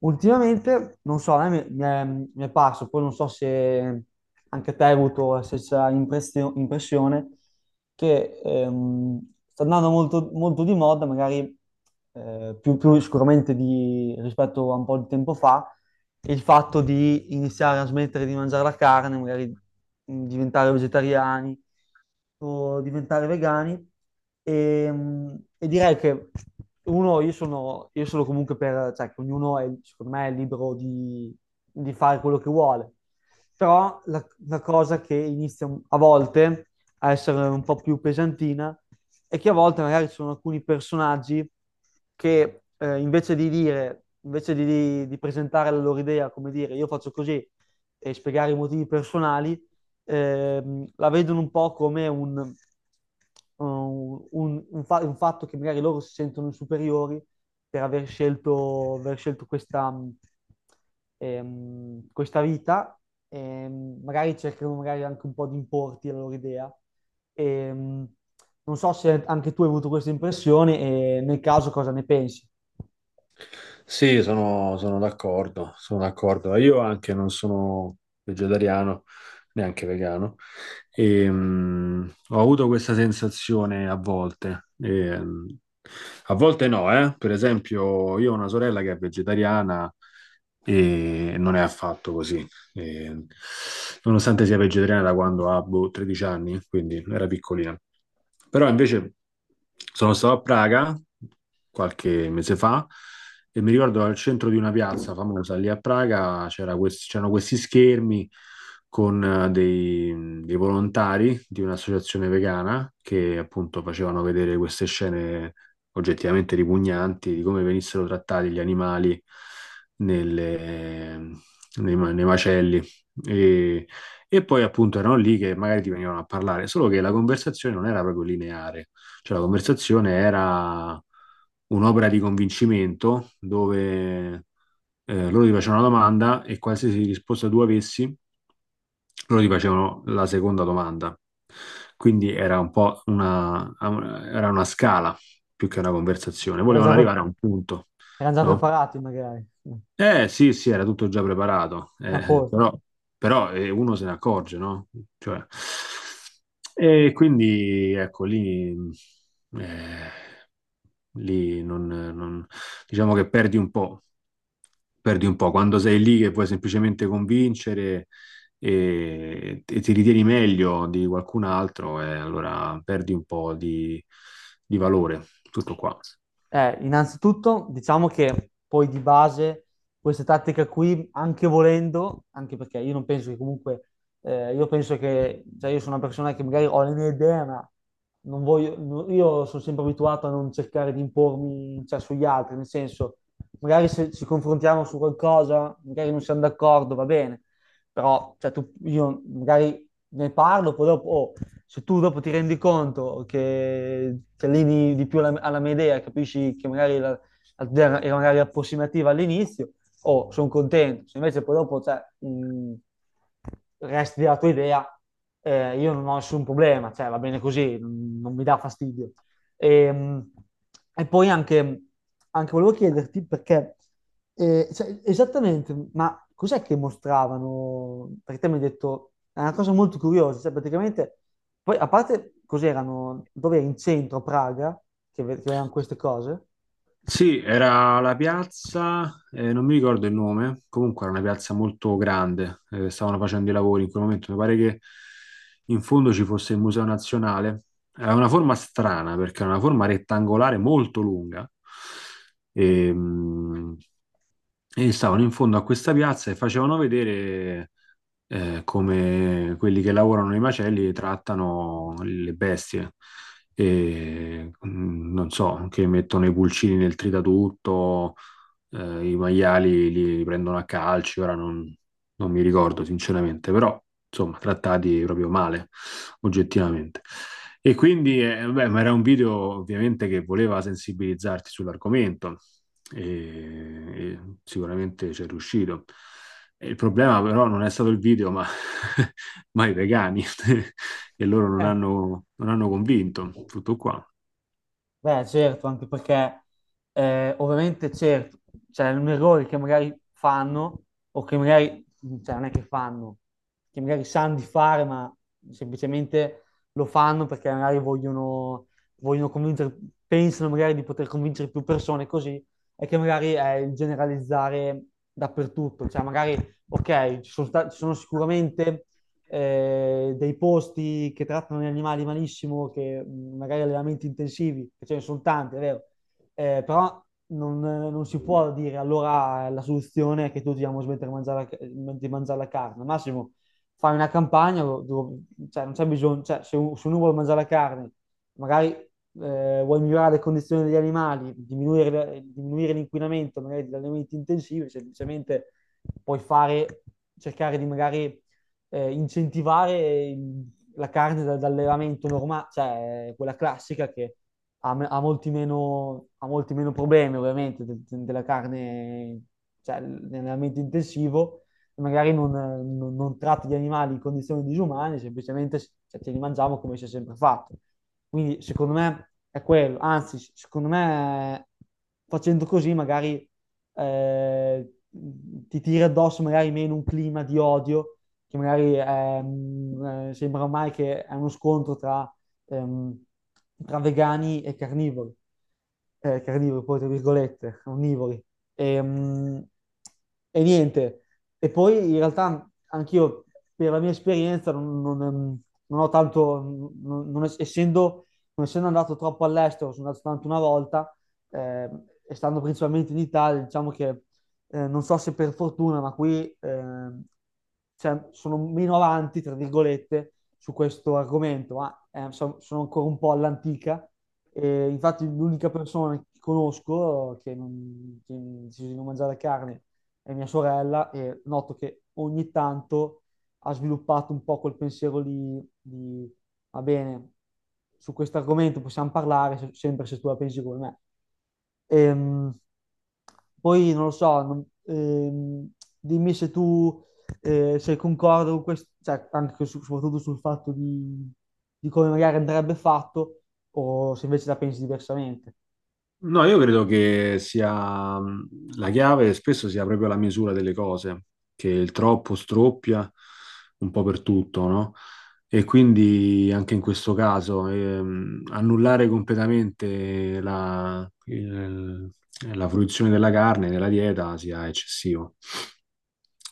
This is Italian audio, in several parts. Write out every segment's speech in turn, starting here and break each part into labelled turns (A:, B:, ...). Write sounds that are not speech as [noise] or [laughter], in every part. A: Ultimamente, non so, a me mi mi è parso, poi non so se anche te hai avuto la stessa impressione, che sta andando molto, molto di moda, magari più sicuramente rispetto a un po' di tempo fa, il fatto di iniziare a smettere di mangiare la carne, magari diventare vegetariani o diventare vegani. E direi che uno, io sono comunque per, cioè, che ognuno è, secondo me, è libero di fare quello che vuole. Però la cosa che inizia a volte a essere un po' più pesantina e che a volte magari ci sono alcuni personaggi che invece di, di presentare la loro idea, come dire io faccio così e spiegare i motivi personali, la vedono un po' come un fatto che magari loro si sentono superiori per aver scelto questa, questa vita, magari cercano magari anche un po' di importi la loro idea. Ehm, Non so se anche tu hai avuto questa impressione e nel caso cosa ne pensi?
B: Sì, sono d'accordo, sono d'accordo. Io anche non sono vegetariano, neanche vegano, e, ho avuto questa sensazione a volte. E, a volte no, eh. Per esempio, io ho una sorella che è vegetariana e non è affatto così. E, nonostante sia vegetariana da quando ha boh, 13 anni, quindi era piccolina. Però invece sono stato a Praga qualche mese fa e mi ricordo al centro di una piazza famosa lì a Praga c'erano questi schermi con dei volontari di un'associazione vegana che appunto facevano vedere queste scene oggettivamente ripugnanti di come venissero trattati gli animali nelle, nei macelli. E, e poi appunto erano lì che magari ti venivano a parlare, solo che la conversazione non era proprio lineare, cioè la conversazione era un'opera di convincimento dove loro ti facevano una domanda e qualsiasi risposta tu avessi, loro ti facevano la seconda domanda. Quindi era una scala più che una conversazione,
A: Era
B: volevano
A: già, pre-
B: arrivare a un punto,
A: Erano già
B: no?
A: preparati magari, [laughs]
B: Eh sì, sì, era tutto già preparato,
A: a posto.
B: però, però, uno se ne accorge, no? Cioè, e quindi ecco lì, eh, lì diciamo che perdi un po' quando sei lì che puoi semplicemente convincere e ti ritieni meglio di qualcun altro, e allora perdi un po' di valore, tutto qua.
A: Innanzitutto diciamo che poi di base queste tattiche qui, anche volendo, anche perché io non penso che comunque, io penso che, cioè io sono una persona che magari ho le mie idee, ma non voglio, no- io sono sempre abituato a non cercare di impormi, cioè, sugli altri, nel senso, magari se ci confrontiamo su qualcosa, magari non siamo d'accordo, va bene, però cioè, io magari ne parlo, poi dopo, oh, se tu dopo ti rendi conto che ti alleni di più alla mia idea, capisci che magari la idea era magari approssimativa all'inizio, oh, sono contento. Se invece poi dopo cioè, resti della tua idea, io non ho nessun problema, cioè, va bene così, non mi dà fastidio. E, mh, e poi anche volevo chiederti perché, cioè, esattamente, ma cos'è che mostravano? Perché te mi hai detto, è una cosa molto curiosa, cioè praticamente poi, a parte, cos'erano, dove in centro, a Praga, che, che erano queste cose?
B: Sì, era la piazza, non mi ricordo il nome, comunque era una piazza molto grande, stavano facendo i lavori in quel momento, mi pare che in fondo ci fosse il Museo Nazionale, ha una forma strana perché è una forma rettangolare molto lunga e, e stavano in fondo a questa piazza e facevano vedere come quelli che lavorano nei macelli e trattano le bestie. E, non so, che mettono i pulcini nel tritatutto, i maiali li prendono a calci, ora non, non mi ricordo sinceramente, però insomma trattati proprio male, oggettivamente. E quindi, beh, ma era un video ovviamente che voleva sensibilizzarti sull'argomento e sicuramente ci è riuscito. E il problema però non è stato il video, ma, [laughs] ma i vegani, [laughs] e loro
A: Eh,
B: non hanno convinto, tutto qua.
A: Beh, certo, anche perché ovviamente certo, c'è un errore che magari fanno o che magari, cioè non è che fanno, che magari sanno di fare, ma semplicemente lo fanno perché magari vogliono convincere, pensano magari di poter convincere più persone così, e che magari è il generalizzare dappertutto, cioè magari, ok, ci sono sicuramente dei posti che trattano gli animali malissimo, che magari allevamenti intensivi, che ce ne sono tanti, è vero, però non si può dire allora la soluzione è che tutti dobbiamo smettere di di mangiare la carne. Massimo, fai una campagna, cioè, non c'è bisogno, cioè, se, se uno vuole mangiare la carne, magari vuoi migliorare le condizioni degli animali, diminuire l'inquinamento magari dagli alimenti intensivi, semplicemente puoi fare, cercare di magari incentivare la carne dall'allevamento normale, cioè quella classica che ha molti meno problemi ovviamente della carne, cioè nell'allevamento intensivo, e magari non tratti gli animali in condizioni disumane, semplicemente cioè, ce li mangiamo come si è sempre fatto. Quindi secondo me è quello, anzi secondo me facendo così magari ti tira addosso magari meno un clima di odio che magari sembra ormai che è uno scontro tra, ehm, tra vegani e carnivori. Carnivori poi tra virgolette, onnivori. Ehm, Niente, e poi in realtà anch'io per la mia esperienza non ho tanto, non es- essendo, non essendo andato troppo all'estero, sono andato soltanto una volta, e stando principalmente in Italia, diciamo che non so se per fortuna, ma qui cioè, sono meno avanti, tra virgolette, su questo argomento, ma sono ancora un po' all'antica. E infatti l'unica persona che conosco che ha deciso di non mangiare carne è mia sorella e noto che ogni tanto ha sviluppato un po' quel pensiero lì di va bene, su questo argomento possiamo parlare sempre se tu la pensi come me. Ehm, poi non lo so, dimmi se tu sei concordo con questo, cioè, anche soprattutto sul fatto di come magari andrebbe fatto o se invece la pensi diversamente.
B: No, io credo che sia la chiave spesso sia proprio la misura delle cose, che il troppo stroppia un po' per tutto, no? E quindi anche in questo caso annullare completamente la la fruizione della carne nella dieta sia eccessivo,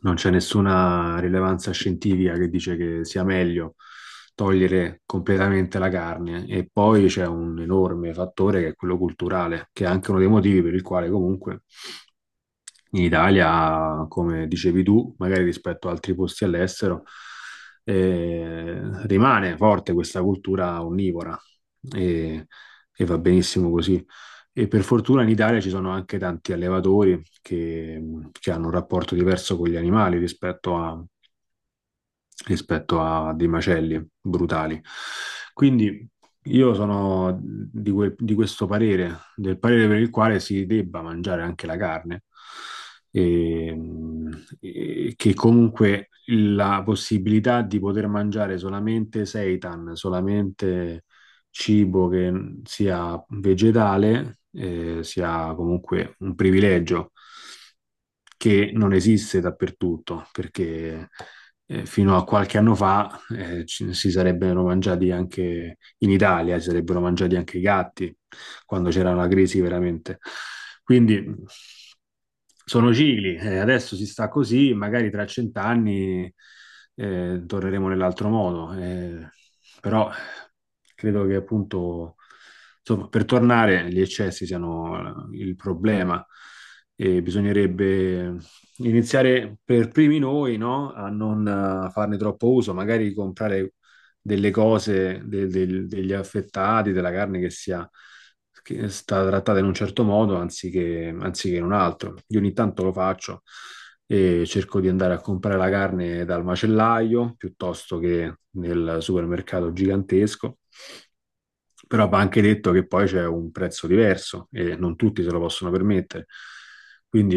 B: non c'è nessuna rilevanza scientifica che dice che sia meglio togliere completamente la carne e poi c'è un enorme fattore che è quello culturale, che è anche uno dei motivi per il quale comunque in Italia, come dicevi tu, magari rispetto ad altri posti all'estero, eh, rimane forte questa cultura onnivora e, e va benissimo così. E per fortuna in Italia ci sono anche tanti allevatori che hanno un rapporto diverso con gli animali rispetto a dei macelli brutali. Quindi io di questo parere, del parere per il quale si debba mangiare anche la carne e, e che comunque la possibilità di poter mangiare solamente seitan, solamente cibo che sia vegetale, sia comunque un privilegio che non esiste dappertutto, perché fino a qualche anno fa si sarebbero mangiati anche in Italia, si sarebbero mangiati anche i gatti, quando c'era una crisi veramente. Quindi sono cicli, adesso si sta così, magari tra 100 anni torneremo nell'altro modo, però credo che appunto, insomma, per tornare gli eccessi siano il problema e bisognerebbe iniziare per primi noi, no? A non farne troppo uso, magari comprare delle cose, degli affettati, della carne che è stata trattata in un certo modo anziché in un altro. Io ogni tanto lo faccio e cerco di andare a comprare la carne dal macellaio piuttosto che nel supermercato gigantesco. Però va anche detto che poi c'è un prezzo diverso e non tutti se lo possono permettere. Quindi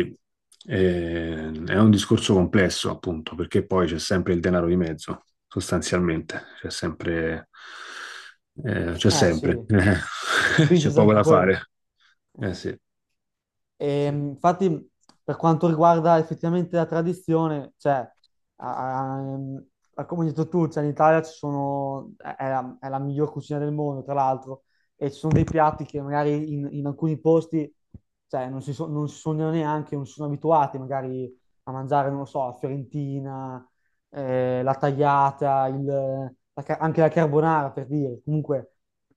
B: è un discorso complesso, appunto, perché poi c'è sempre il denaro di mezzo, sostanzialmente. C'è
A: Eh sì,
B: sempre,
A: è
B: [laughs]
A: un
B: c'è
A: business
B: poco
A: anche
B: da
A: quello.
B: fare. Eh sì,
A: E,
B: sì.
A: mh, infatti, per quanto riguarda effettivamente la tradizione, cioè, a- a- ehm, come hai detto tu, cioè, in Italia ci sono, è la miglior cucina del mondo, tra l'altro, e ci sono dei piatti che magari in alcuni posti, cioè, non si sognano neanche, non si sono abituati magari a mangiare, non lo so, la fiorentina, la tagliata, la anche la carbonara, per dire. Comunque,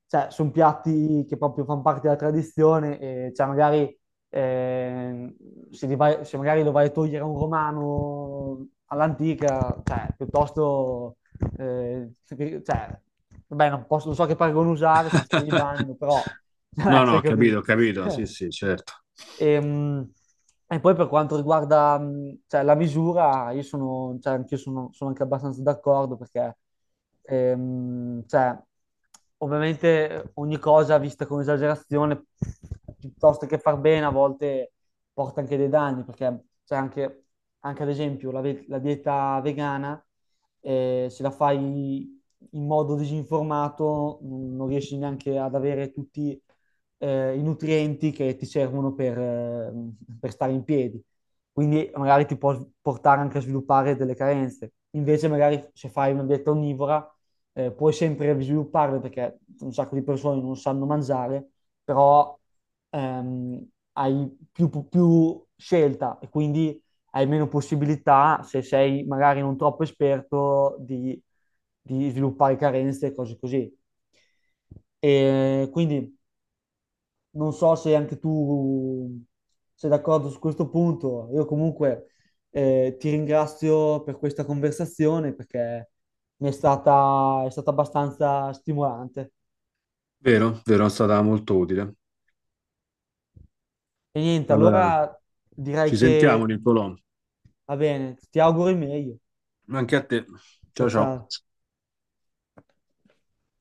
A: cioè, sono piatti che proprio fanno parte della tradizione e, cioè, magari eh, se, se magari lo vai a togliere a un romano all'antica, cioè, piuttosto, eh, cioè, vabbè, non posso, non so che paragone usare senza che li
B: [laughs]
A: bannino, però, [laughs] cioè,
B: No, no,
A: si è capito.
B: ho capito, sì,
A: [laughs]
B: sì, certo.
A: Ehm, Poi per quanto riguarda, cioè, la misura, cioè, sono anche abbastanza d'accordo perché, cioè, ovviamente ogni cosa vista con esagerazione, piuttosto che far bene, a volte porta anche dei danni perché, cioè, anche ad esempio la dieta vegana, se la fai in modo disinformato, non non riesci neanche ad avere tutti i nutrienti che ti servono per stare in piedi. Quindi magari ti può portare anche a sviluppare delle carenze. Invece magari se fai una dieta onnivora puoi sempre svilupparle perché un sacco di persone non sanno mangiare, però ehm, hai più scelta e quindi hai meno possibilità, se sei magari non troppo esperto, di sviluppare carenze e cose così. E quindi non so se anche tu sei d'accordo su questo punto. Io comunque ti ringrazio per questa conversazione perché è stata abbastanza stimolante.
B: Vero, vero, è stata molto utile.
A: E niente,
B: Allora,
A: allora direi
B: ci sentiamo,
A: che
B: Nicolò.
A: va bene, ti auguro il meglio.
B: Anche a te.
A: Ciao
B: Ciao,
A: ciao.
B: ciao.